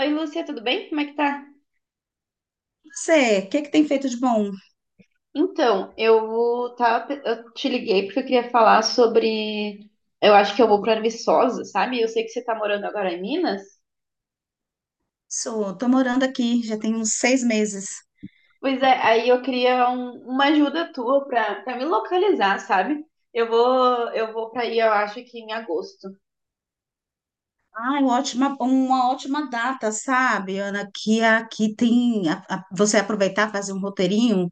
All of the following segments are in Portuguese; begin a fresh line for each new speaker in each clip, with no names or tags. Oi, Lúcia, tudo bem? Como é que tá?
Você, o que tem feito de bom?
Eu te liguei porque eu queria falar sobre. Eu acho que eu vou para Viçosa, sabe? Eu sei que você tá morando agora em Minas.
Sou, tô morando aqui, já tem uns 6 meses.
Pois é, aí eu queria uma ajuda tua para me localizar, sabe? Eu vou para aí, eu acho que em agosto.
Ai, ótima, uma ótima data, sabe, Ana? Que aqui tem, você aproveitar, fazer um roteirinho,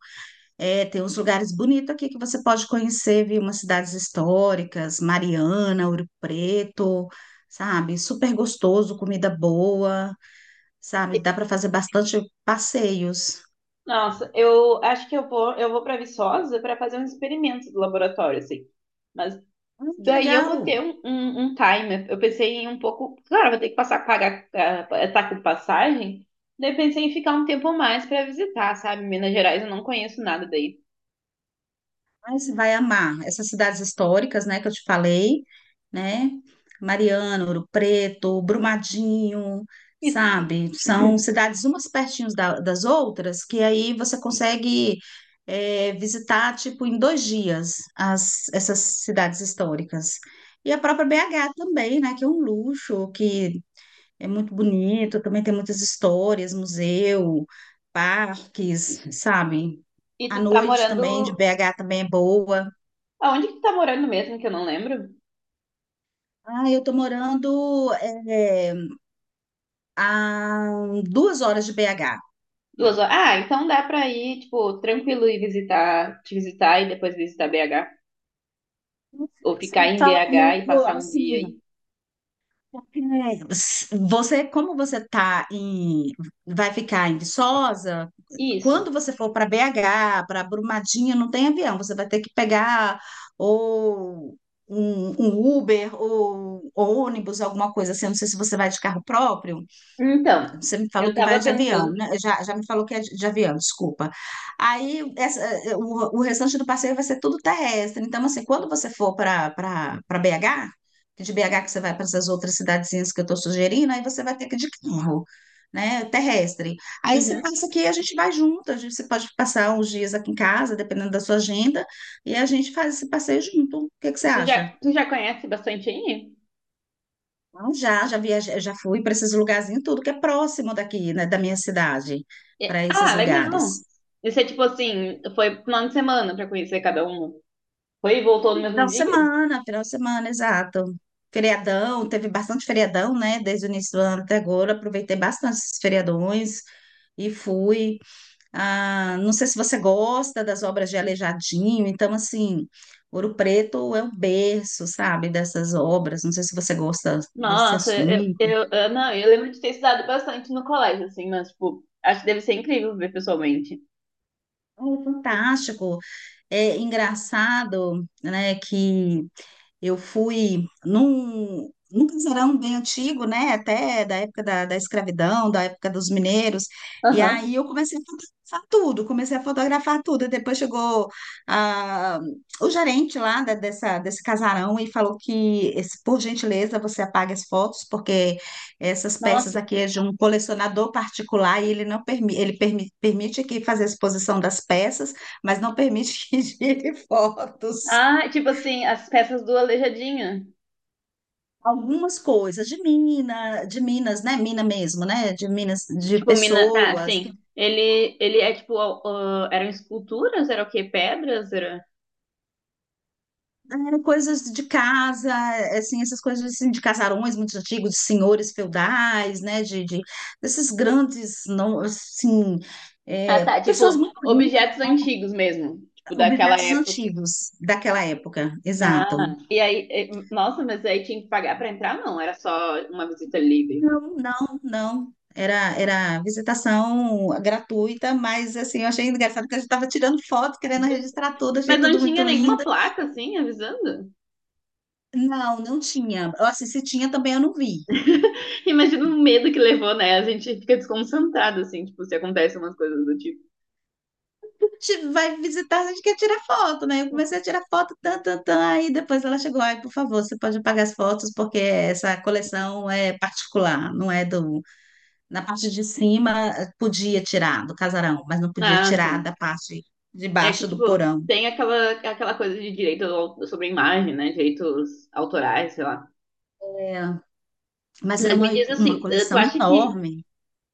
tem uns lugares bonitos aqui que você pode conhecer, viu? Umas cidades históricas, Mariana, Ouro Preto, sabe? Super gostoso, comida boa, sabe? Dá para fazer bastante passeios.
Nossa, eu acho que eu vou para Viçosa para fazer uns experimentos do laboratório, assim. Mas
Ai, que
daí eu
legal!
botei um timer. Eu pensei em um pouco. Claro, vou ter que passar, pagar, tá com passagem. Daí pensei em ficar um tempo mais pra visitar, sabe? Minas Gerais, eu não conheço nada daí.
Mas vai amar essas cidades históricas, né, que eu te falei, né? Mariana, Ouro Preto, Brumadinho,
E, e,
sabe? São cidades umas pertinhas das outras que aí você consegue visitar, tipo, em 2 dias essas cidades históricas. E a própria BH também, né? Que é um luxo, que é muito bonito, também tem muitas histórias, museu, parques, sabe?
tu
A
tá
noite
morando.
também de BH também é boa.
Aonde que tu tá morando mesmo, que eu não lembro?
Ah, eu tô morando é, a 2 horas de BH.
Duas horas. Ah, então dá pra ir, tipo, tranquilo e visitar, te visitar e depois visitar BH. Ou
Você
ficar em
fala
BH
comigo
e passar um dia
assim,
aí.
porque como você vai ficar em Viçosa,
Isso.
quando você for para BH, para Brumadinho, não tem avião, você vai ter que pegar ou um Uber ou ônibus, alguma coisa assim. Eu não sei se você vai de carro próprio.
Então,
Você me falou
eu
que vai
tava
de avião,
pensando.
né? Já me falou que é de avião, desculpa. O restante do passeio vai ser tudo terrestre. Então, assim, quando você for para BH, que de BH que você vai para essas outras cidadezinhas que eu estou sugerindo, aí você vai ter que ir de carro, né? Terrestre. Aí você
Uhum.
passa aqui e a gente vai junto. A gente, você pode passar uns dias aqui em casa, dependendo da sua agenda, e a gente faz esse passeio junto. O que
E
você
Tu já,
acha?
tu já conhece bastante aí?
Não, já viajei, já fui para esses lugarzinhos, tudo que é próximo daqui, né, da minha cidade, para esses
Ah, legal.
lugares.
E você, tipo assim, foi final de semana pra conhecer cada um? Foi e voltou no
Fui
mesmo dia?
final de semana, exato. Feriadão, teve bastante feriadão, né, desde o início do ano até agora, aproveitei bastante esses feriadões e fui. Ah, não sei se você gosta das obras de Aleijadinho, então, assim, Ouro Preto é o berço, sabe, dessas obras, não sei se você gosta desse
Nossa,
assunto.
não, eu lembro de ter estudado bastante no colégio, assim, mas, tipo, acho que deve ser incrível ver pessoalmente.
É fantástico. É engraçado, né, que eu fui num casarão bem antigo, né? Até da época da escravidão, da época dos mineiros. E
Aham.
aí eu comecei a fotografar tudo, comecei a fotografar tudo. E depois chegou ah, o gerente lá dessa, desse casarão e falou que, esse- por gentileza, você apague as fotos, porque essas peças
Nossa.
aqui é de um colecionador particular e ele não permi ele permi permite que fazer a exposição das peças, mas não permite que gire fotos.
Ah, tipo assim, as peças do Aleijadinha.
Algumas coisas de mina, de Minas, né? Mina mesmo, né? De Minas, de
Tipo, mina. Tá,
pessoas, que,
sim. Ele é tipo. Eram esculturas? Era o quê? Pedras? Era...
coisas de casa, essas coisas assim, de casarões muito antigos, de senhores feudais, né? De desses grandes, não, assim,
Ah, tá.
pessoas
Tipo,
muito ricas,
objetos antigos mesmo. Tipo, daquela
objetos
época.
antigos daquela época, exato.
Ah, e aí. Nossa, mas aí tinha que pagar pra entrar? Não, era só uma visita livre.
Não. Era visitação gratuita, mas assim, eu achei engraçado que a gente estava tirando foto, querendo registrar tudo,
Mas
achei
não
tudo muito
tinha nenhuma
lindo.
placa, assim, avisando?
Não, não tinha. Ou assim, se tinha também eu não vi.
Imagina o medo que levou, né? A gente fica desconcentrado, assim, tipo, se acontecem umas coisas do tipo.
Vai visitar, a gente quer tirar foto, né? Eu comecei a tirar foto, tan, tan, tan, aí depois ela chegou, aí, por favor, você pode apagar as fotos, porque essa coleção é particular, não é do... Na parte de cima, podia tirar do casarão, mas não podia
Ah,
tirar
sim.
da parte de
É que,
baixo do
tipo,
porão.
tem aquela, coisa de direito sobre a imagem, né? Direitos autorais, sei lá.
É, mas era
Mas me diz
uma
assim, tu
coleção
acha que,
enorme.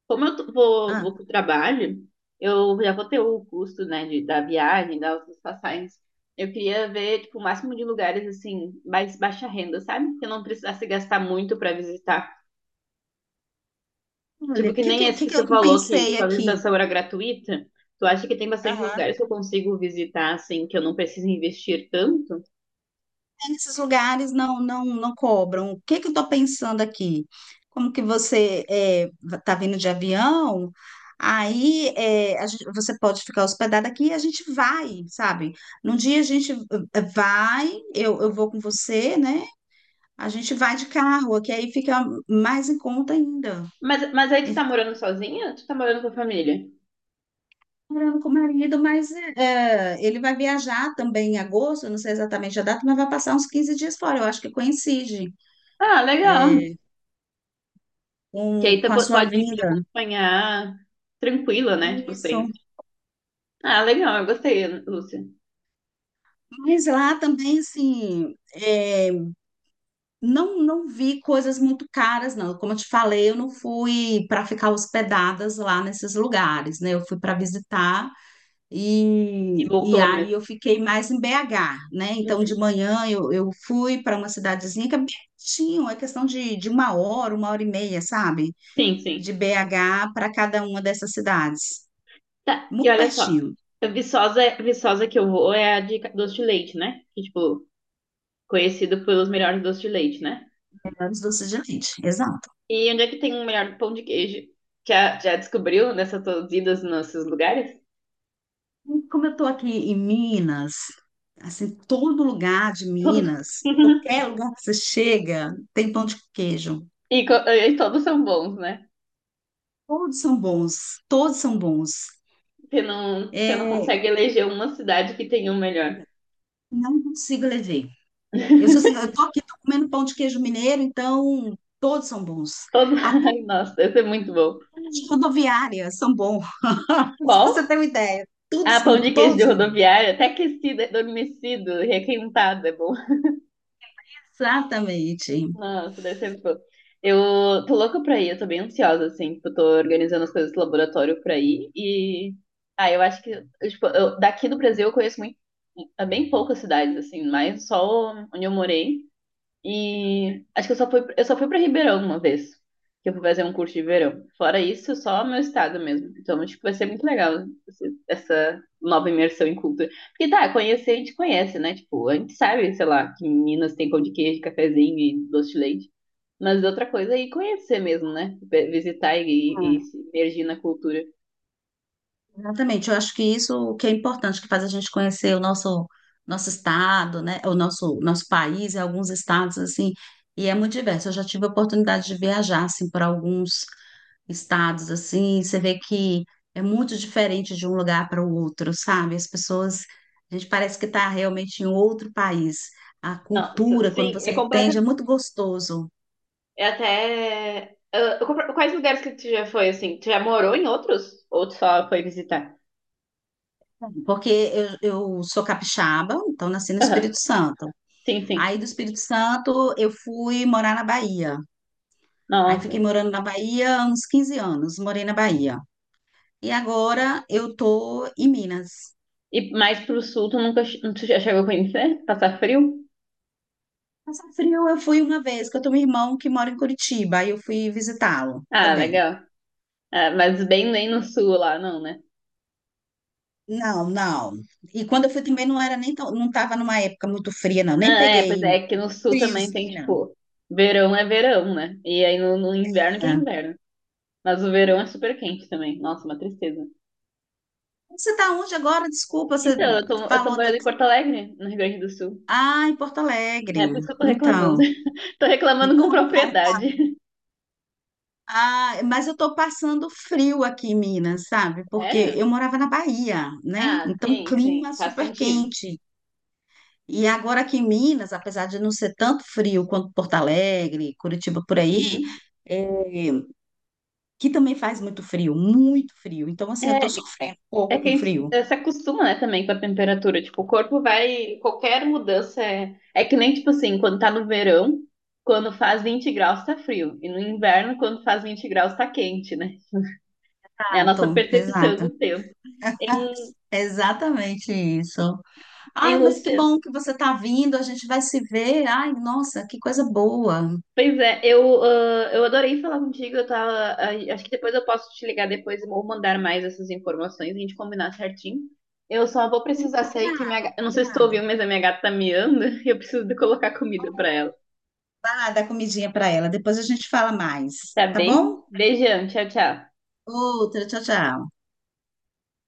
como
Ah,
vou pro trabalho, eu já vou ter o custo, né, da viagem, das passagens. Eu queria ver, tipo, o máximo de lugares, assim, mais baixa renda, sabe? Que eu não precisasse gastar muito pra visitar.
olha,
Tipo,
o
que
que,
nem
que,
esse
que
que
que
você
eu
falou, que,
pensei
tipo, a
aqui?
visitação era gratuita. Tu acha que tem bastante
Aham.
lugares que eu consigo visitar, assim, que eu não preciso investir tanto?
Nesses lugares não cobram. O que eu estou pensando aqui? Como que você está vindo de avião? Aí é, a gente- você pode ficar hospedado aqui e a gente vai, sabe? Num dia a gente eh, vai, eu vou com você, né? A gente vai de carro, que aí fica mais em conta ainda.
Mas aí tu tá
Estou
morando sozinha? Ou tu tá morando com a família?
morando com o marido, mas ele vai viajar também em agosto, eu não sei exatamente a data, mas vai passar uns 15 dias fora. Eu acho que coincide
Ah, legal. Que aí
com a sua
pode me
vinda.
acompanhar tranquila, né? Tipo
Isso.
assim. Ah, legal, eu gostei, Lúcia.
Mas lá também, assim, não, não vi coisas muito caras, não. Como eu te falei, eu não fui para ficar hospedadas lá nesses lugares, né? Eu fui para visitar
E
e
voltou
aí
mesmo.
eu fiquei mais em BH, né? Então, de
Uhum.
manhã eu fui para uma cidadezinha que é pertinho, é questão de 1 hora, 1 hora e meia, sabe?
Sim, sim.
De BH para cada uma dessas cidades.
Tá, e
Muito
olha só.
pertinho,
A Viçosa, Viçosa que eu vou é a doce de leite, né? Que, tipo, conhecido pelos melhores doces de leite, né?
antes do Doce de Leite, exato.
E onde é que tem o melhor pão de queijo? Já já descobriu nessas tuas idas nesses lugares?
Como eu estou aqui em Minas, assim, todo lugar de
Todos.
Minas, qualquer lugar que você chega, tem pão de queijo.
E todos são bons, né?
Todos são bons, todos são bons.
Você não
É,
consegue eleger uma cidade que tem um melhor.
não consigo levar. Eu sou assim, eu tô aqui, tô comendo pão de queijo mineiro, então todos são bons.
Todo...
Até
Ai, nossa, deve ser muito bom.
as rodoviárias são bons. Se você
Qual?
tem uma ideia,
Ah, pão de queijo
todos
de
são bons.
rodoviária, até aquecido, adormecido, requentado, é bom.
Exatamente.
Nossa, deve ser bom. Eu tô louca pra ir, eu tô bem ansiosa, assim, tipo, eu tô organizando as coisas do laboratório pra ir e... Ah, eu acho que, daqui do Brasil eu conheço muito, bem poucas cidades, assim, mais só onde eu morei. E acho que eu só fui para Ribeirão uma vez, que eu fui fazer um curso de verão. Fora isso, só meu estado mesmo. Então, acho que vai ser muito legal essa nova imersão em cultura. Porque tá, conhecer a gente conhece, né? Tipo, a gente sabe, sei lá, que Minas tem pão de queijo, cafezinho e doce de leite. Mas outra coisa é ir conhecer mesmo, né? Visitar e se imergir na cultura.
Exatamente, eu acho que isso o que é importante, que faz a gente conhecer o nosso estado, né, o nosso país e alguns estados assim, e é muito diverso. Eu já tive a oportunidade de viajar assim para alguns estados assim, você vê que é muito diferente de um lugar para o outro, sabe? As pessoas, a gente parece que está realmente em um outro país. A
Não,
cultura, quando
sim, é
você entende, é
completamente.
muito gostoso,
É até. Quais lugares que tu já foi, assim? Tu já morou em outros? Ou tu só foi visitar.
porque eu sou capixaba, então nasci no Espírito Santo.
Sim, sim.
Aí do Espírito Santo eu fui morar na Bahia. Aí
Nossa.
fiquei morando na Bahia há uns 15 anos, morei na Bahia. E agora eu tô em Minas.
E mais pro sul, tu nunca che- tu já chegou a conhecer? Passar frio?
Passar frio eu fui uma vez, que eu tenho um irmão que mora em Curitiba, aí eu fui visitá-lo
Ah,
também.
legal. Ah, mas bem nem no sul lá, não, né?
Não, não. E quando eu fui também não era nem tão, não estava numa época muito fria, não.
Não,
Nem
é, pois
peguei
é, que no sul também tem,
friozinho, não.
tipo, verão é verão, né? E aí no inverno que é
É.
inverno. Mas o verão é super quente também. Nossa, uma tristeza.
Você está onde agora? Desculpa, você
Então, eu tô
falou da...
morando em Porto Alegre, no Rio Grande do Sul.
Ah, em Porto
É
Alegre.
por isso que eu tô reclamando.
Então.
Tô reclamando com propriedade.
Ah, mas eu estou passando frio aqui em Minas, sabe? Porque
Sério?
eu morava na Bahia, né?
Ah,
Então,
sim, sim.
clima
Faz
super
sentido.
quente. E agora aqui em Minas, apesar de não ser tanto frio quanto Porto Alegre, Curitiba por aí,
Uhum.
é, que também faz muito frio, muito frio. Então, assim, eu estou
É,
sofrendo um
é
pouco
que a
com
gente
frio.
se acostuma, né, também com a temperatura. Tipo, o corpo vai. Qualquer mudança é. É que nem, tipo assim, quando tá no verão, quando faz 20 graus tá frio. E no inverno, quando faz 20 graus tá quente, né? É a nossa
Exato,
percepção
exato.
do tempo. Em,
Exatamente isso. Ai, mas que
Lúcia.
bom que você está vindo, a gente vai se ver. Ai, nossa, que coisa boa.
Pois é, eu adorei falar contigo. Eu tava. Acho que depois eu posso te ligar depois ou mandar mais essas informações, a gente combinar certinho. Eu só vou precisar sair que minha.
Combinado,
Eu não sei se tu ouviu,
combinado.
mas a minha gata tá miando e eu preciso de colocar comida pra ela.
Dar comidinha para ela. Depois a gente fala mais,
Tá
tá
bem?
bom?
Beijão, tchau, tchau.
Outra, tchau, tchau.